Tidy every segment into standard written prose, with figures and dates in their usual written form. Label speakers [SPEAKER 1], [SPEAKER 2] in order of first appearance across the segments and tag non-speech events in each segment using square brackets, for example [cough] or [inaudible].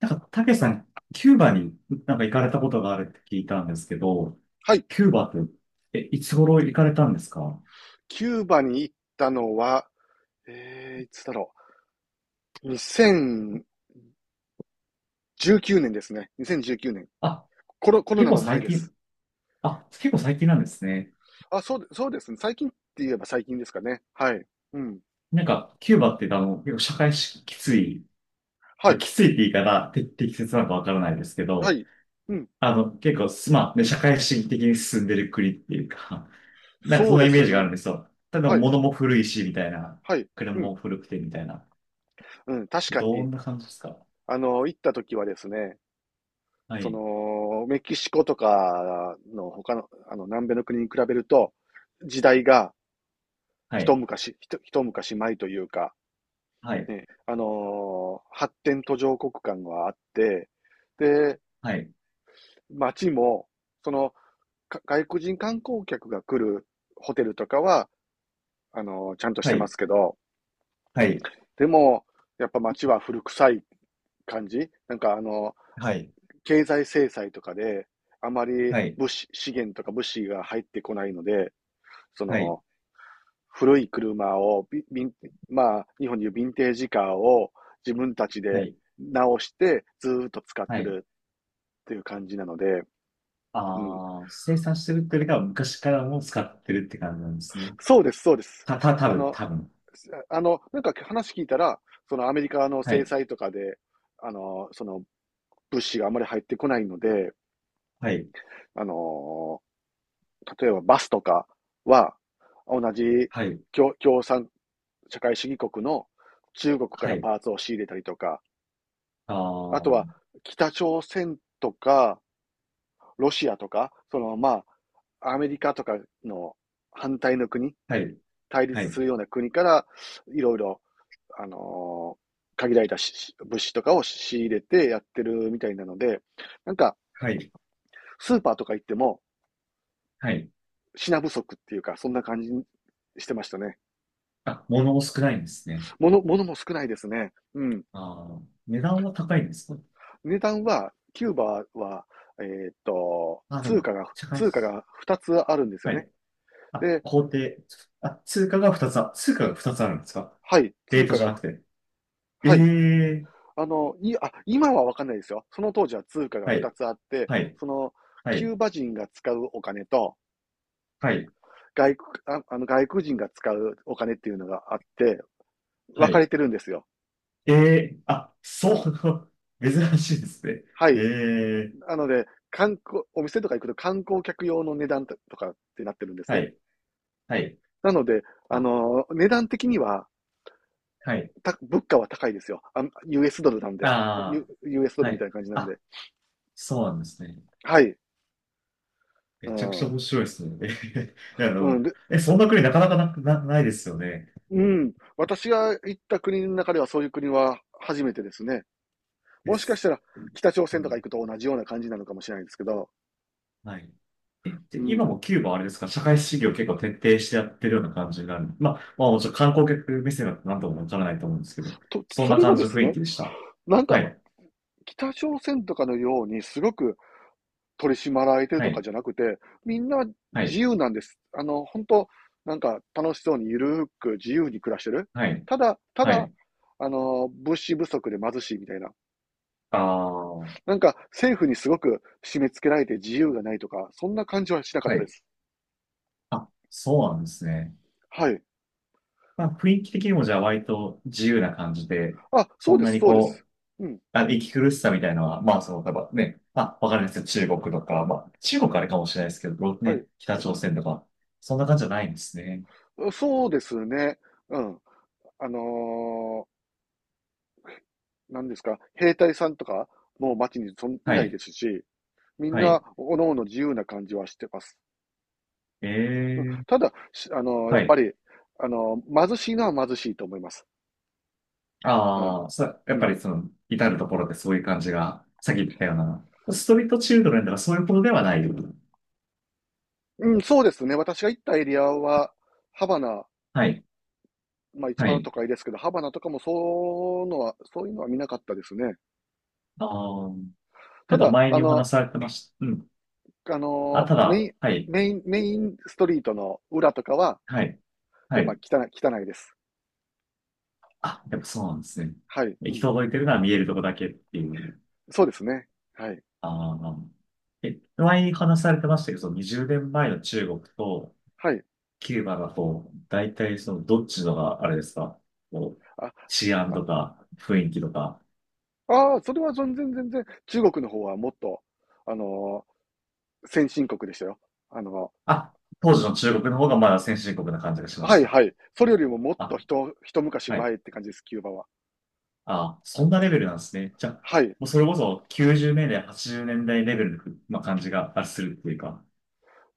[SPEAKER 1] たけしさん、キューバに行かれたことがあるって聞いたんですけど、
[SPEAKER 2] はい。
[SPEAKER 1] キューバって、いつ頃行かれたんですか？
[SPEAKER 2] キューバに行ったのは、いつだろう。2019年ですね。2019年。
[SPEAKER 1] あ、
[SPEAKER 2] コロ
[SPEAKER 1] 結
[SPEAKER 2] ナ
[SPEAKER 1] 構
[SPEAKER 2] の前
[SPEAKER 1] 最
[SPEAKER 2] で
[SPEAKER 1] 近、
[SPEAKER 2] す。
[SPEAKER 1] あ、結構最近なんですね。
[SPEAKER 2] あ、そうですね。最近って言えば最近ですかね。はい。うん。
[SPEAKER 1] キューバって結構社会し、きつい、
[SPEAKER 2] はい。
[SPEAKER 1] きついって言い方、て適切なのかわからないですけ
[SPEAKER 2] は
[SPEAKER 1] ど、
[SPEAKER 2] い。うん。
[SPEAKER 1] あの、結構す、まあ、ね、社会主義的に進んでる国っていうか、なんかそ
[SPEAKER 2] そう
[SPEAKER 1] の
[SPEAKER 2] で
[SPEAKER 1] イメ
[SPEAKER 2] す
[SPEAKER 1] ージがあるん
[SPEAKER 2] ね。
[SPEAKER 1] ですよ。ただ
[SPEAKER 2] はい。
[SPEAKER 1] 物も古いし、みたいな。
[SPEAKER 2] はい。
[SPEAKER 1] 車
[SPEAKER 2] うん。
[SPEAKER 1] も古くて、みたいな。
[SPEAKER 2] うん。確か
[SPEAKER 1] ど
[SPEAKER 2] に、
[SPEAKER 1] んな感じですか？
[SPEAKER 2] 行った時はですね、
[SPEAKER 1] はい。
[SPEAKER 2] メキシコとかの他の、南米の国に比べると、時代が
[SPEAKER 1] は
[SPEAKER 2] 一
[SPEAKER 1] い。
[SPEAKER 2] 昔、一一昔前というか、
[SPEAKER 1] はい
[SPEAKER 2] ね、発展途上国感があって、で、
[SPEAKER 1] はい、
[SPEAKER 2] 街も、その、外国人観光客が来るホテルとかは、ちゃんとし
[SPEAKER 1] は
[SPEAKER 2] てま
[SPEAKER 1] い、
[SPEAKER 2] すけど、
[SPEAKER 1] はい、
[SPEAKER 2] でも、やっぱ街は古臭い感じ。なんか
[SPEAKER 1] はい、
[SPEAKER 2] 経済制裁とかで、あまり
[SPEAKER 1] はい、
[SPEAKER 2] 物資、資源とか物資が入ってこないので、そ
[SPEAKER 1] はい、
[SPEAKER 2] の、古い車を、まあ、日本でいうヴィンテージカーを自分たち
[SPEAKER 1] は
[SPEAKER 2] で
[SPEAKER 1] い、
[SPEAKER 2] 直してずーっと使っ
[SPEAKER 1] は
[SPEAKER 2] て
[SPEAKER 1] い。
[SPEAKER 2] るっていう感じなので。うん。
[SPEAKER 1] ああ、生産してるっていうよりかは昔からもう使ってるって感じなんですね。
[SPEAKER 2] そうです、そうです。
[SPEAKER 1] た、た、多
[SPEAKER 2] あ
[SPEAKER 1] 分、
[SPEAKER 2] の、
[SPEAKER 1] 多分。
[SPEAKER 2] なんか話聞いたら、そのアメリカの
[SPEAKER 1] は
[SPEAKER 2] 制
[SPEAKER 1] い、
[SPEAKER 2] 裁とかで、その物資があまり入ってこないので、
[SPEAKER 1] はい、
[SPEAKER 2] あの、例えばバスとかは、同じ
[SPEAKER 1] はい、
[SPEAKER 2] 共産社会主義国の中国か
[SPEAKER 1] は
[SPEAKER 2] ら
[SPEAKER 1] い。
[SPEAKER 2] パーツを仕入れたりとか、
[SPEAKER 1] ああ、
[SPEAKER 2] あと
[SPEAKER 1] は
[SPEAKER 2] は北朝鮮とか、ロシアとか、アメリカとかの反対の国、
[SPEAKER 1] い、
[SPEAKER 2] 対
[SPEAKER 1] は
[SPEAKER 2] 立
[SPEAKER 1] い、
[SPEAKER 2] するような国から、いろいろ、あのー限られた物資とかを仕入れてやってるみたいなので、なんか、
[SPEAKER 1] はい、
[SPEAKER 2] スーパーとか行っても
[SPEAKER 1] はい。
[SPEAKER 2] 品不足っていうか、そんな感じしてましたね。
[SPEAKER 1] あ、物も少ないんですね。
[SPEAKER 2] 物、物も少ないですね。うん。
[SPEAKER 1] ああ、値段は高いんですか？
[SPEAKER 2] 値段は、キューバは、
[SPEAKER 1] あ、で
[SPEAKER 2] 通
[SPEAKER 1] も、
[SPEAKER 2] 貨が、
[SPEAKER 1] 高いで
[SPEAKER 2] 通貨
[SPEAKER 1] す。
[SPEAKER 2] が2つあるんですよ
[SPEAKER 1] は
[SPEAKER 2] ね。
[SPEAKER 1] い。あ、
[SPEAKER 2] で、
[SPEAKER 1] 工程。通貨が2つあるんですか？
[SPEAKER 2] はい、
[SPEAKER 1] レー
[SPEAKER 2] 通
[SPEAKER 1] ト
[SPEAKER 2] 貨
[SPEAKER 1] じゃな
[SPEAKER 2] が、
[SPEAKER 1] くて。え
[SPEAKER 2] はい。
[SPEAKER 1] え
[SPEAKER 2] あ、今はわかんないですよ。その当時は通貨が
[SPEAKER 1] はい、
[SPEAKER 2] 2つあって、
[SPEAKER 1] はい、
[SPEAKER 2] その、
[SPEAKER 1] は
[SPEAKER 2] キ
[SPEAKER 1] い、
[SPEAKER 2] ューバ人が使うお金と、
[SPEAKER 1] はい、
[SPEAKER 2] 外国、ああの外国人が使うお金っていうのがあって、
[SPEAKER 1] は
[SPEAKER 2] 分か
[SPEAKER 1] い。
[SPEAKER 2] れてるんですよ。
[SPEAKER 1] ええあ、そう、[laughs] 珍しいですね。
[SPEAKER 2] は
[SPEAKER 1] え
[SPEAKER 2] い。
[SPEAKER 1] え
[SPEAKER 2] なので、お店とか行くと観光客用の値段とかってなってるんです
[SPEAKER 1] は
[SPEAKER 2] ね。
[SPEAKER 1] い、はい、
[SPEAKER 2] なので、あ
[SPEAKER 1] あ、
[SPEAKER 2] の値段的には、
[SPEAKER 1] はい、
[SPEAKER 2] 物価は高いですよ。あ、 US ドルなんで、U
[SPEAKER 1] あ
[SPEAKER 2] US ド
[SPEAKER 1] あ、
[SPEAKER 2] ル
[SPEAKER 1] は
[SPEAKER 2] みた
[SPEAKER 1] い、
[SPEAKER 2] いな感じなん
[SPEAKER 1] あ、
[SPEAKER 2] で。
[SPEAKER 1] そうなんですね。
[SPEAKER 2] はい。
[SPEAKER 1] め
[SPEAKER 2] う
[SPEAKER 1] ちゃくちゃ
[SPEAKER 2] ん。
[SPEAKER 1] 面白いですね。ええ [laughs] あ
[SPEAKER 2] うん。
[SPEAKER 1] の、
[SPEAKER 2] で、
[SPEAKER 1] え、そんな国なかなかな、な、ないですよね。
[SPEAKER 2] うん。私が行った国の中ではそういう国は初めてですね。
[SPEAKER 1] で
[SPEAKER 2] もしかし
[SPEAKER 1] す。
[SPEAKER 2] たら北朝
[SPEAKER 1] う
[SPEAKER 2] 鮮とか
[SPEAKER 1] ん、
[SPEAKER 2] 行くと同じような感じなのかもしれないんですけど、
[SPEAKER 1] はい。え、で、
[SPEAKER 2] う
[SPEAKER 1] 今
[SPEAKER 2] ん。
[SPEAKER 1] もキューバはあれですか、社会主義を結構徹底してやってるような感じになる。まあ、まあもちろん観光客目線だと何ともわからないと思うんですけど、そん
[SPEAKER 2] そ
[SPEAKER 1] な
[SPEAKER 2] れが
[SPEAKER 1] 感じ
[SPEAKER 2] で
[SPEAKER 1] の
[SPEAKER 2] す
[SPEAKER 1] 雰囲
[SPEAKER 2] ね、
[SPEAKER 1] 気でした。
[SPEAKER 2] なん
[SPEAKER 1] は
[SPEAKER 2] か、
[SPEAKER 1] い、
[SPEAKER 2] 北朝鮮とかのようにすごく取り締まられてる
[SPEAKER 1] は
[SPEAKER 2] とか
[SPEAKER 1] い、
[SPEAKER 2] じゃなくて、みんな
[SPEAKER 1] は
[SPEAKER 2] 自
[SPEAKER 1] い、
[SPEAKER 2] 由なんです。本当なんか楽しそうにゆるーく自由に暮らしてる。
[SPEAKER 1] はい、
[SPEAKER 2] ただ、た
[SPEAKER 1] は
[SPEAKER 2] だ、
[SPEAKER 1] い、
[SPEAKER 2] 物資不足で貧しいみたいな。
[SPEAKER 1] ああ、は
[SPEAKER 2] なんか政府にすごく締め付けられて自由がないとか、そんな感じはしなかったで
[SPEAKER 1] い、
[SPEAKER 2] す。
[SPEAKER 1] あ、そうなんですね。
[SPEAKER 2] はい。
[SPEAKER 1] まあ、雰囲気的にもじゃあ割と自由な感じで、
[SPEAKER 2] あ、そう
[SPEAKER 1] そん
[SPEAKER 2] で
[SPEAKER 1] な
[SPEAKER 2] す、
[SPEAKER 1] に
[SPEAKER 2] そうで
[SPEAKER 1] こ
[SPEAKER 2] す。うん。
[SPEAKER 1] う、あ息苦しさみたいなのは、まあ、その、例えばね、まあ、わかんないですよ、中国とか、まあ、中国あれかもしれないですけど、
[SPEAKER 2] は
[SPEAKER 1] ね、北朝鮮とか、そんな感じじゃないんですね。
[SPEAKER 2] い。そうですね。うん。あの何ですか、兵隊さんとかもう街にそんい
[SPEAKER 1] は
[SPEAKER 2] ないで
[SPEAKER 1] い、
[SPEAKER 2] すし、みん
[SPEAKER 1] は
[SPEAKER 2] な、
[SPEAKER 1] い。
[SPEAKER 2] おのおの自由な感じはしてます。
[SPEAKER 1] え
[SPEAKER 2] うん、
[SPEAKER 1] え、
[SPEAKER 2] ただ、や
[SPEAKER 1] は
[SPEAKER 2] っぱ
[SPEAKER 1] い。
[SPEAKER 2] り、あの、貧しいのは貧しいと思います。うん。
[SPEAKER 1] ああ、そ、や
[SPEAKER 2] う
[SPEAKER 1] っぱ
[SPEAKER 2] ん。
[SPEAKER 1] りその、至るところでそういう感じが、さっき言ったような、ストリートチルドレンとかそういうことではない。
[SPEAKER 2] うん、そうですね。私が行ったエリアは、ハバナ、
[SPEAKER 1] はい、
[SPEAKER 2] まあ一
[SPEAKER 1] は
[SPEAKER 2] 番
[SPEAKER 1] い。
[SPEAKER 2] 都会ですけど、ハバナとかもそうのは、そういうのは見なかったですね。
[SPEAKER 1] ああ、
[SPEAKER 2] た
[SPEAKER 1] なんか
[SPEAKER 2] だ、
[SPEAKER 1] 前にお話しされてました。うん。
[SPEAKER 2] あ
[SPEAKER 1] あ、
[SPEAKER 2] の、
[SPEAKER 1] た
[SPEAKER 2] メイ
[SPEAKER 1] だ、
[SPEAKER 2] ン、
[SPEAKER 1] はい。
[SPEAKER 2] メインストリートの裏とかは、
[SPEAKER 1] はい。は
[SPEAKER 2] やっぱ
[SPEAKER 1] い。
[SPEAKER 2] 汚い、汚いです。
[SPEAKER 1] あ、やっぱそうなんですね。
[SPEAKER 2] はい。う
[SPEAKER 1] 行き
[SPEAKER 2] ん。
[SPEAKER 1] 届いてるのは見えるとこだけっていう。
[SPEAKER 2] そうですね。はい。
[SPEAKER 1] ああ。え、前に話されてましたけど、その20年前の中国と
[SPEAKER 2] はい。
[SPEAKER 1] キューバだと、大体そのどっちのがあれですか、こう、
[SPEAKER 2] あ、
[SPEAKER 1] 治安とか雰囲気とか。
[SPEAKER 2] それは全然全然、中国の方はもっと、あの先進国でしたよ。あの
[SPEAKER 1] あ、当時の中国の方がまだ先進国な感じがしま
[SPEAKER 2] は
[SPEAKER 1] し
[SPEAKER 2] い
[SPEAKER 1] た。
[SPEAKER 2] はい。それよりももっと
[SPEAKER 1] あ、
[SPEAKER 2] 一、一昔
[SPEAKER 1] は
[SPEAKER 2] 前
[SPEAKER 1] い。
[SPEAKER 2] って感じです、キューバは。
[SPEAKER 1] あ、そんなレベルなんですね。じゃあ、
[SPEAKER 2] はい。
[SPEAKER 1] もうそれこそ90年代、80年代レベルの、まあ、感じがあするっていうか。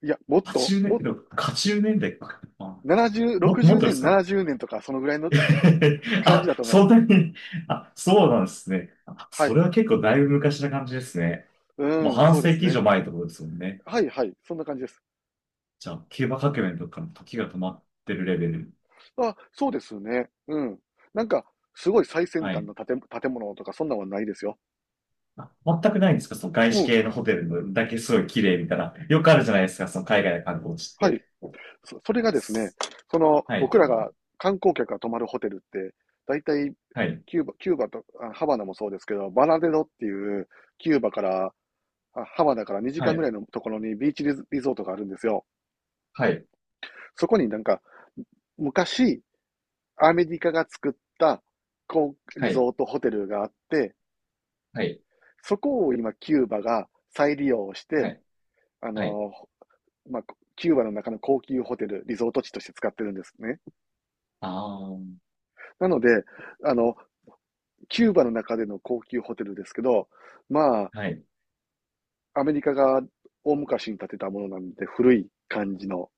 [SPEAKER 2] いや、もっと、
[SPEAKER 1] 80年代、80年代か。あ
[SPEAKER 2] 70、60
[SPEAKER 1] もっとで
[SPEAKER 2] 年、
[SPEAKER 1] すか？
[SPEAKER 2] 70年とか、そのぐらいの
[SPEAKER 1] [laughs]
[SPEAKER 2] 感じ
[SPEAKER 1] あ、
[SPEAKER 2] だと思いま
[SPEAKER 1] そ
[SPEAKER 2] す。
[SPEAKER 1] んなに、あ、そうなんですね。あ、
[SPEAKER 2] は
[SPEAKER 1] そ
[SPEAKER 2] い。
[SPEAKER 1] れは結構だいぶ昔な感じですね。
[SPEAKER 2] う
[SPEAKER 1] もう
[SPEAKER 2] ん、
[SPEAKER 1] 半
[SPEAKER 2] そうで
[SPEAKER 1] 世
[SPEAKER 2] す
[SPEAKER 1] 紀以
[SPEAKER 2] ね。
[SPEAKER 1] 上前ってことですもんね。
[SPEAKER 2] はいはい。そんな感じです。
[SPEAKER 1] じゃあ、キューバ革命とかの時が止まってるレベル。
[SPEAKER 2] あ、そうですね。うん。なんか、すごい最先
[SPEAKER 1] は
[SPEAKER 2] 端
[SPEAKER 1] い。
[SPEAKER 2] の建物とか、そんなんはないですよ。
[SPEAKER 1] あ、全くないんですか？その外
[SPEAKER 2] う
[SPEAKER 1] 資
[SPEAKER 2] ん。
[SPEAKER 1] 系のホテルのだけすごい綺麗みたいな。よくあるじゃないですかその海外の観光地っ
[SPEAKER 2] はい。
[SPEAKER 1] て。
[SPEAKER 2] それがですね、
[SPEAKER 1] はい。
[SPEAKER 2] 僕らが観光客が泊まるホテルって、大体、
[SPEAKER 1] はい。
[SPEAKER 2] キューバと、ハバナもそうですけど、バナデロっていう、キューバから、ハバナから2
[SPEAKER 1] は
[SPEAKER 2] 時間ぐら
[SPEAKER 1] い。
[SPEAKER 2] いのところにビーチリゾートがあるんですよ。
[SPEAKER 1] はい。
[SPEAKER 2] そこになんか、昔、アメリカが作った、こう、リ
[SPEAKER 1] は
[SPEAKER 2] ゾ
[SPEAKER 1] い。
[SPEAKER 2] ートホテルがあって、
[SPEAKER 1] はい。
[SPEAKER 2] そこを今、キューバが再利用し
[SPEAKER 1] は
[SPEAKER 2] て、
[SPEAKER 1] い。
[SPEAKER 2] あ
[SPEAKER 1] はい。
[SPEAKER 2] の、まあ、キューバの中の高級ホテル、リゾート地として使ってるんですね。
[SPEAKER 1] ああー。
[SPEAKER 2] なので、あの、キューバの中での高級ホテルですけど、ま
[SPEAKER 1] はい。
[SPEAKER 2] あ、アメリカが大昔に建てたものなんで、古い感じの、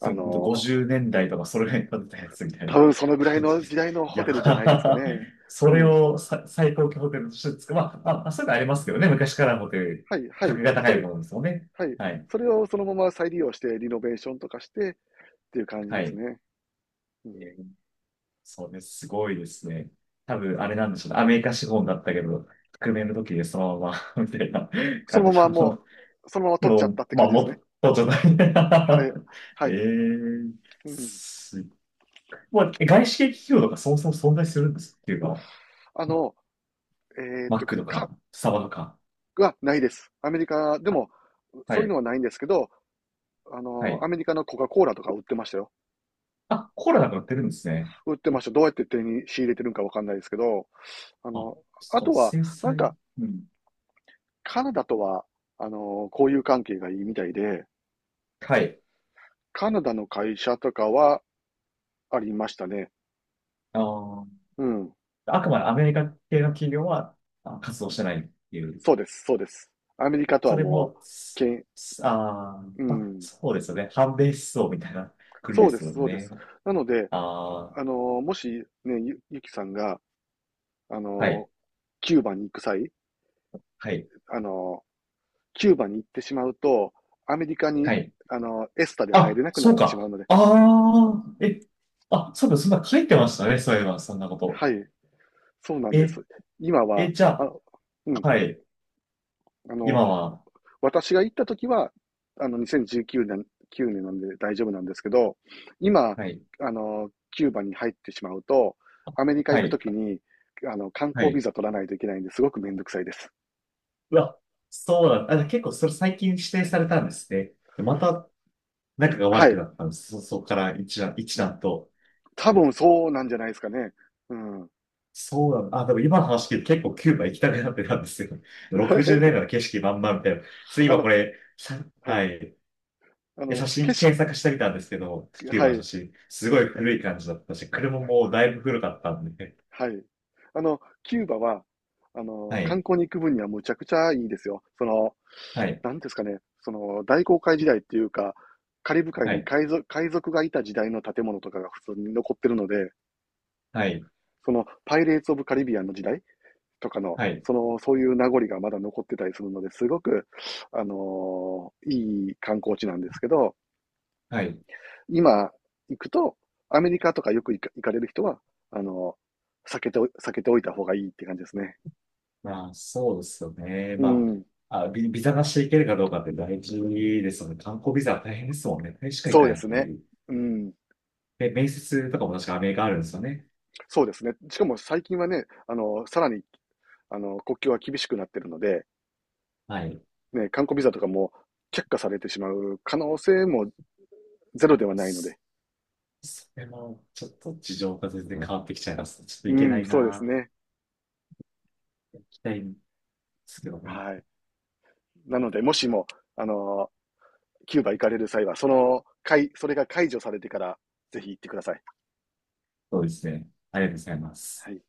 [SPEAKER 2] あ
[SPEAKER 1] う、ほんと
[SPEAKER 2] の、
[SPEAKER 1] 50年代とかそれぐらいに建てたやつみたい
[SPEAKER 2] 多
[SPEAKER 1] な
[SPEAKER 2] 分そのぐらい
[SPEAKER 1] 感じ
[SPEAKER 2] の
[SPEAKER 1] で
[SPEAKER 2] 時
[SPEAKER 1] す。
[SPEAKER 2] 代の
[SPEAKER 1] [laughs] い
[SPEAKER 2] ホテルじゃないですか
[SPEAKER 1] や、
[SPEAKER 2] ね。
[SPEAKER 1] [laughs] そ
[SPEAKER 2] う
[SPEAKER 1] れ
[SPEAKER 2] ん。
[SPEAKER 1] をさ最高級ホテルとして作る。まあ、まあ、まあそういうのありますけどね。昔からのホテル、
[SPEAKER 2] はい、は
[SPEAKER 1] 格
[SPEAKER 2] い。
[SPEAKER 1] が高いものですよね。
[SPEAKER 2] はい。
[SPEAKER 1] はい。
[SPEAKER 2] それをそのまま再利用して、リノベーションとかしてっていう感じ
[SPEAKER 1] は
[SPEAKER 2] です
[SPEAKER 1] い。
[SPEAKER 2] ね。うん。
[SPEAKER 1] えーそうです。すごいですね。多分、あれなんでしょうね。アメリカ資本だったけど、革命の時でそのまま [laughs] みたいな
[SPEAKER 2] その
[SPEAKER 1] 感じ
[SPEAKER 2] ままも
[SPEAKER 1] の、
[SPEAKER 2] う、そのまま取っちゃ
[SPEAKER 1] も
[SPEAKER 2] っ
[SPEAKER 1] う、
[SPEAKER 2] たって
[SPEAKER 1] まあ、
[SPEAKER 2] 感じです
[SPEAKER 1] も
[SPEAKER 2] ね。
[SPEAKER 1] っとじゃない
[SPEAKER 2] はい、は
[SPEAKER 1] [laughs] え
[SPEAKER 2] い。
[SPEAKER 1] ー、
[SPEAKER 2] うん。
[SPEAKER 1] す、まあ、外資系企業とかそもそも存在するんですっていうか、
[SPEAKER 2] あの、えっ
[SPEAKER 1] マッ
[SPEAKER 2] と、
[SPEAKER 1] クと
[SPEAKER 2] か、
[SPEAKER 1] か、スタバとか。
[SPEAKER 2] はないです。アメリカでも、
[SPEAKER 1] は
[SPEAKER 2] そういうの
[SPEAKER 1] い。
[SPEAKER 2] はないんですけど、
[SPEAKER 1] はい。
[SPEAKER 2] アメリカのコカ・コーラとか売ってましたよ。
[SPEAKER 1] あ、コーラなくなってるんですね。
[SPEAKER 2] 売ってました。どうやって手に仕入れてるんかわかんないですけど、あ
[SPEAKER 1] あ、
[SPEAKER 2] の、あ
[SPEAKER 1] そう、
[SPEAKER 2] とは、
[SPEAKER 1] 制
[SPEAKER 2] なん
[SPEAKER 1] 裁。
[SPEAKER 2] か、
[SPEAKER 1] うん。
[SPEAKER 2] カナダとは、交友関係がいいみたいで、
[SPEAKER 1] はい。
[SPEAKER 2] カナダの会社とかはありましたね。
[SPEAKER 1] あー、
[SPEAKER 2] うん。
[SPEAKER 1] あくまでアメリカ系の企業はあ活動してないっていう。
[SPEAKER 2] そうです、そうです。アメリカと
[SPEAKER 1] そ
[SPEAKER 2] は
[SPEAKER 1] れ
[SPEAKER 2] も
[SPEAKER 1] も、
[SPEAKER 2] う、け
[SPEAKER 1] す
[SPEAKER 2] ん、
[SPEAKER 1] す、あー、
[SPEAKER 2] う
[SPEAKER 1] まあ、
[SPEAKER 2] ん。
[SPEAKER 1] そうですよね。反米思想みたいな国
[SPEAKER 2] そ
[SPEAKER 1] で
[SPEAKER 2] うで
[SPEAKER 1] す
[SPEAKER 2] す、
[SPEAKER 1] もん
[SPEAKER 2] そうで
[SPEAKER 1] ね。
[SPEAKER 2] す。なので、
[SPEAKER 1] ああ
[SPEAKER 2] あの、もしね、ゆきさんが、あ
[SPEAKER 1] はい。
[SPEAKER 2] の、キューバに行く際、
[SPEAKER 1] はい。
[SPEAKER 2] あの、キューバに行ってしまうと、アメリカに、
[SPEAKER 1] はい。
[SPEAKER 2] エスタで入れ
[SPEAKER 1] あ、
[SPEAKER 2] なくな
[SPEAKER 1] そ
[SPEAKER 2] っ
[SPEAKER 1] う
[SPEAKER 2] てしまう
[SPEAKER 1] か。
[SPEAKER 2] ので。
[SPEAKER 1] ああえ、あ、そうかそんな書いてましたね。そういえば、そんなこと。
[SPEAKER 2] はい、そうなんで
[SPEAKER 1] え、
[SPEAKER 2] す。今は、
[SPEAKER 1] え、じゃ
[SPEAKER 2] あ、う
[SPEAKER 1] あ、
[SPEAKER 2] ん、
[SPEAKER 1] はい。
[SPEAKER 2] あの、
[SPEAKER 1] 今は、
[SPEAKER 2] 私が行った時は、2019年、9年なんで大丈夫なんですけど、今、
[SPEAKER 1] はい。
[SPEAKER 2] キューバに入ってしまうと、アメリカ
[SPEAKER 1] は
[SPEAKER 2] 行くと
[SPEAKER 1] い。
[SPEAKER 2] きに、観
[SPEAKER 1] は
[SPEAKER 2] 光ビ
[SPEAKER 1] い。
[SPEAKER 2] ザ取らないといけないんで、すごくめんどくさいです。
[SPEAKER 1] うわ、そうなんだ。あ、結構それ最近指定されたんですね。でまた仲が
[SPEAKER 2] は
[SPEAKER 1] 悪く
[SPEAKER 2] い。
[SPEAKER 1] なったんです。そ、そこから一段と。
[SPEAKER 2] 多分そうなんじゃないですかね。うん。
[SPEAKER 1] そうなんだ。あ、でも今の話聞いて結構キューバ行きたくなってたんですよ。[laughs] 60年代の
[SPEAKER 2] [laughs]
[SPEAKER 1] 景色まんまみたいな。それ
[SPEAKER 2] あ
[SPEAKER 1] 今
[SPEAKER 2] の、
[SPEAKER 1] これ、さ、
[SPEAKER 2] は
[SPEAKER 1] は
[SPEAKER 2] い。
[SPEAKER 1] い。
[SPEAKER 2] あ
[SPEAKER 1] で
[SPEAKER 2] の、
[SPEAKER 1] 写
[SPEAKER 2] 景
[SPEAKER 1] 真
[SPEAKER 2] 色、
[SPEAKER 1] 検索してみたんですけど、キュー
[SPEAKER 2] は
[SPEAKER 1] バの
[SPEAKER 2] い。
[SPEAKER 1] 写真。すごい古い感じだったし、車もだいぶ古かったんで。
[SPEAKER 2] はい。キューバは、
[SPEAKER 1] は
[SPEAKER 2] 観
[SPEAKER 1] い。
[SPEAKER 2] 光に行く分にはむちゃくちゃいいですよ。
[SPEAKER 1] はい。
[SPEAKER 2] なんですかね、大航海時代っていうか、カリブ海
[SPEAKER 1] は
[SPEAKER 2] に
[SPEAKER 1] い。
[SPEAKER 2] 海賊がいた時代の建物とかが普通に残ってるので、
[SPEAKER 1] はい。
[SPEAKER 2] パイレーツ・オブ・カリビアンの時代とかの、
[SPEAKER 1] はい。
[SPEAKER 2] そういう名残がまだ残ってたりするので、すごく、いい観光地なんですけど、
[SPEAKER 1] はい。
[SPEAKER 2] 今行くと、アメリカとかよく行かれる人は、あの、避けておいた方がいいって感じですね。
[SPEAKER 1] まあ、そうですよね。
[SPEAKER 2] う
[SPEAKER 1] ま
[SPEAKER 2] ん、
[SPEAKER 1] あ、あ、ビザなしで行けるかどうかって大事ですよね。観光ビザは大変ですもんね。大れしか行
[SPEAKER 2] そ
[SPEAKER 1] か
[SPEAKER 2] うで
[SPEAKER 1] ない
[SPEAKER 2] す
[SPEAKER 1] と
[SPEAKER 2] ね。
[SPEAKER 1] ね。
[SPEAKER 2] うん、
[SPEAKER 1] で、面接とかも確かアメリカあるんですよね。
[SPEAKER 2] そうですね。しかも最近はね、さらに、国境は厳しくなってるので、
[SPEAKER 1] はい。
[SPEAKER 2] ね、観光ビザとかも却下されてしまう可能性もゼロではないの
[SPEAKER 1] そ、
[SPEAKER 2] で。
[SPEAKER 1] それも、ちょっと事情が全然変わってきちゃいます。ちょっと
[SPEAKER 2] う
[SPEAKER 1] 行けな
[SPEAKER 2] ん、
[SPEAKER 1] い
[SPEAKER 2] そうです
[SPEAKER 1] な。
[SPEAKER 2] ね。
[SPEAKER 1] 行きたいんですけども。
[SPEAKER 2] はい。なので、もしも、あの、キューバ行かれる際は、それが解除されてから、ぜひ行ってください。
[SPEAKER 1] そうですね。ありがとうございま
[SPEAKER 2] は
[SPEAKER 1] す。
[SPEAKER 2] い。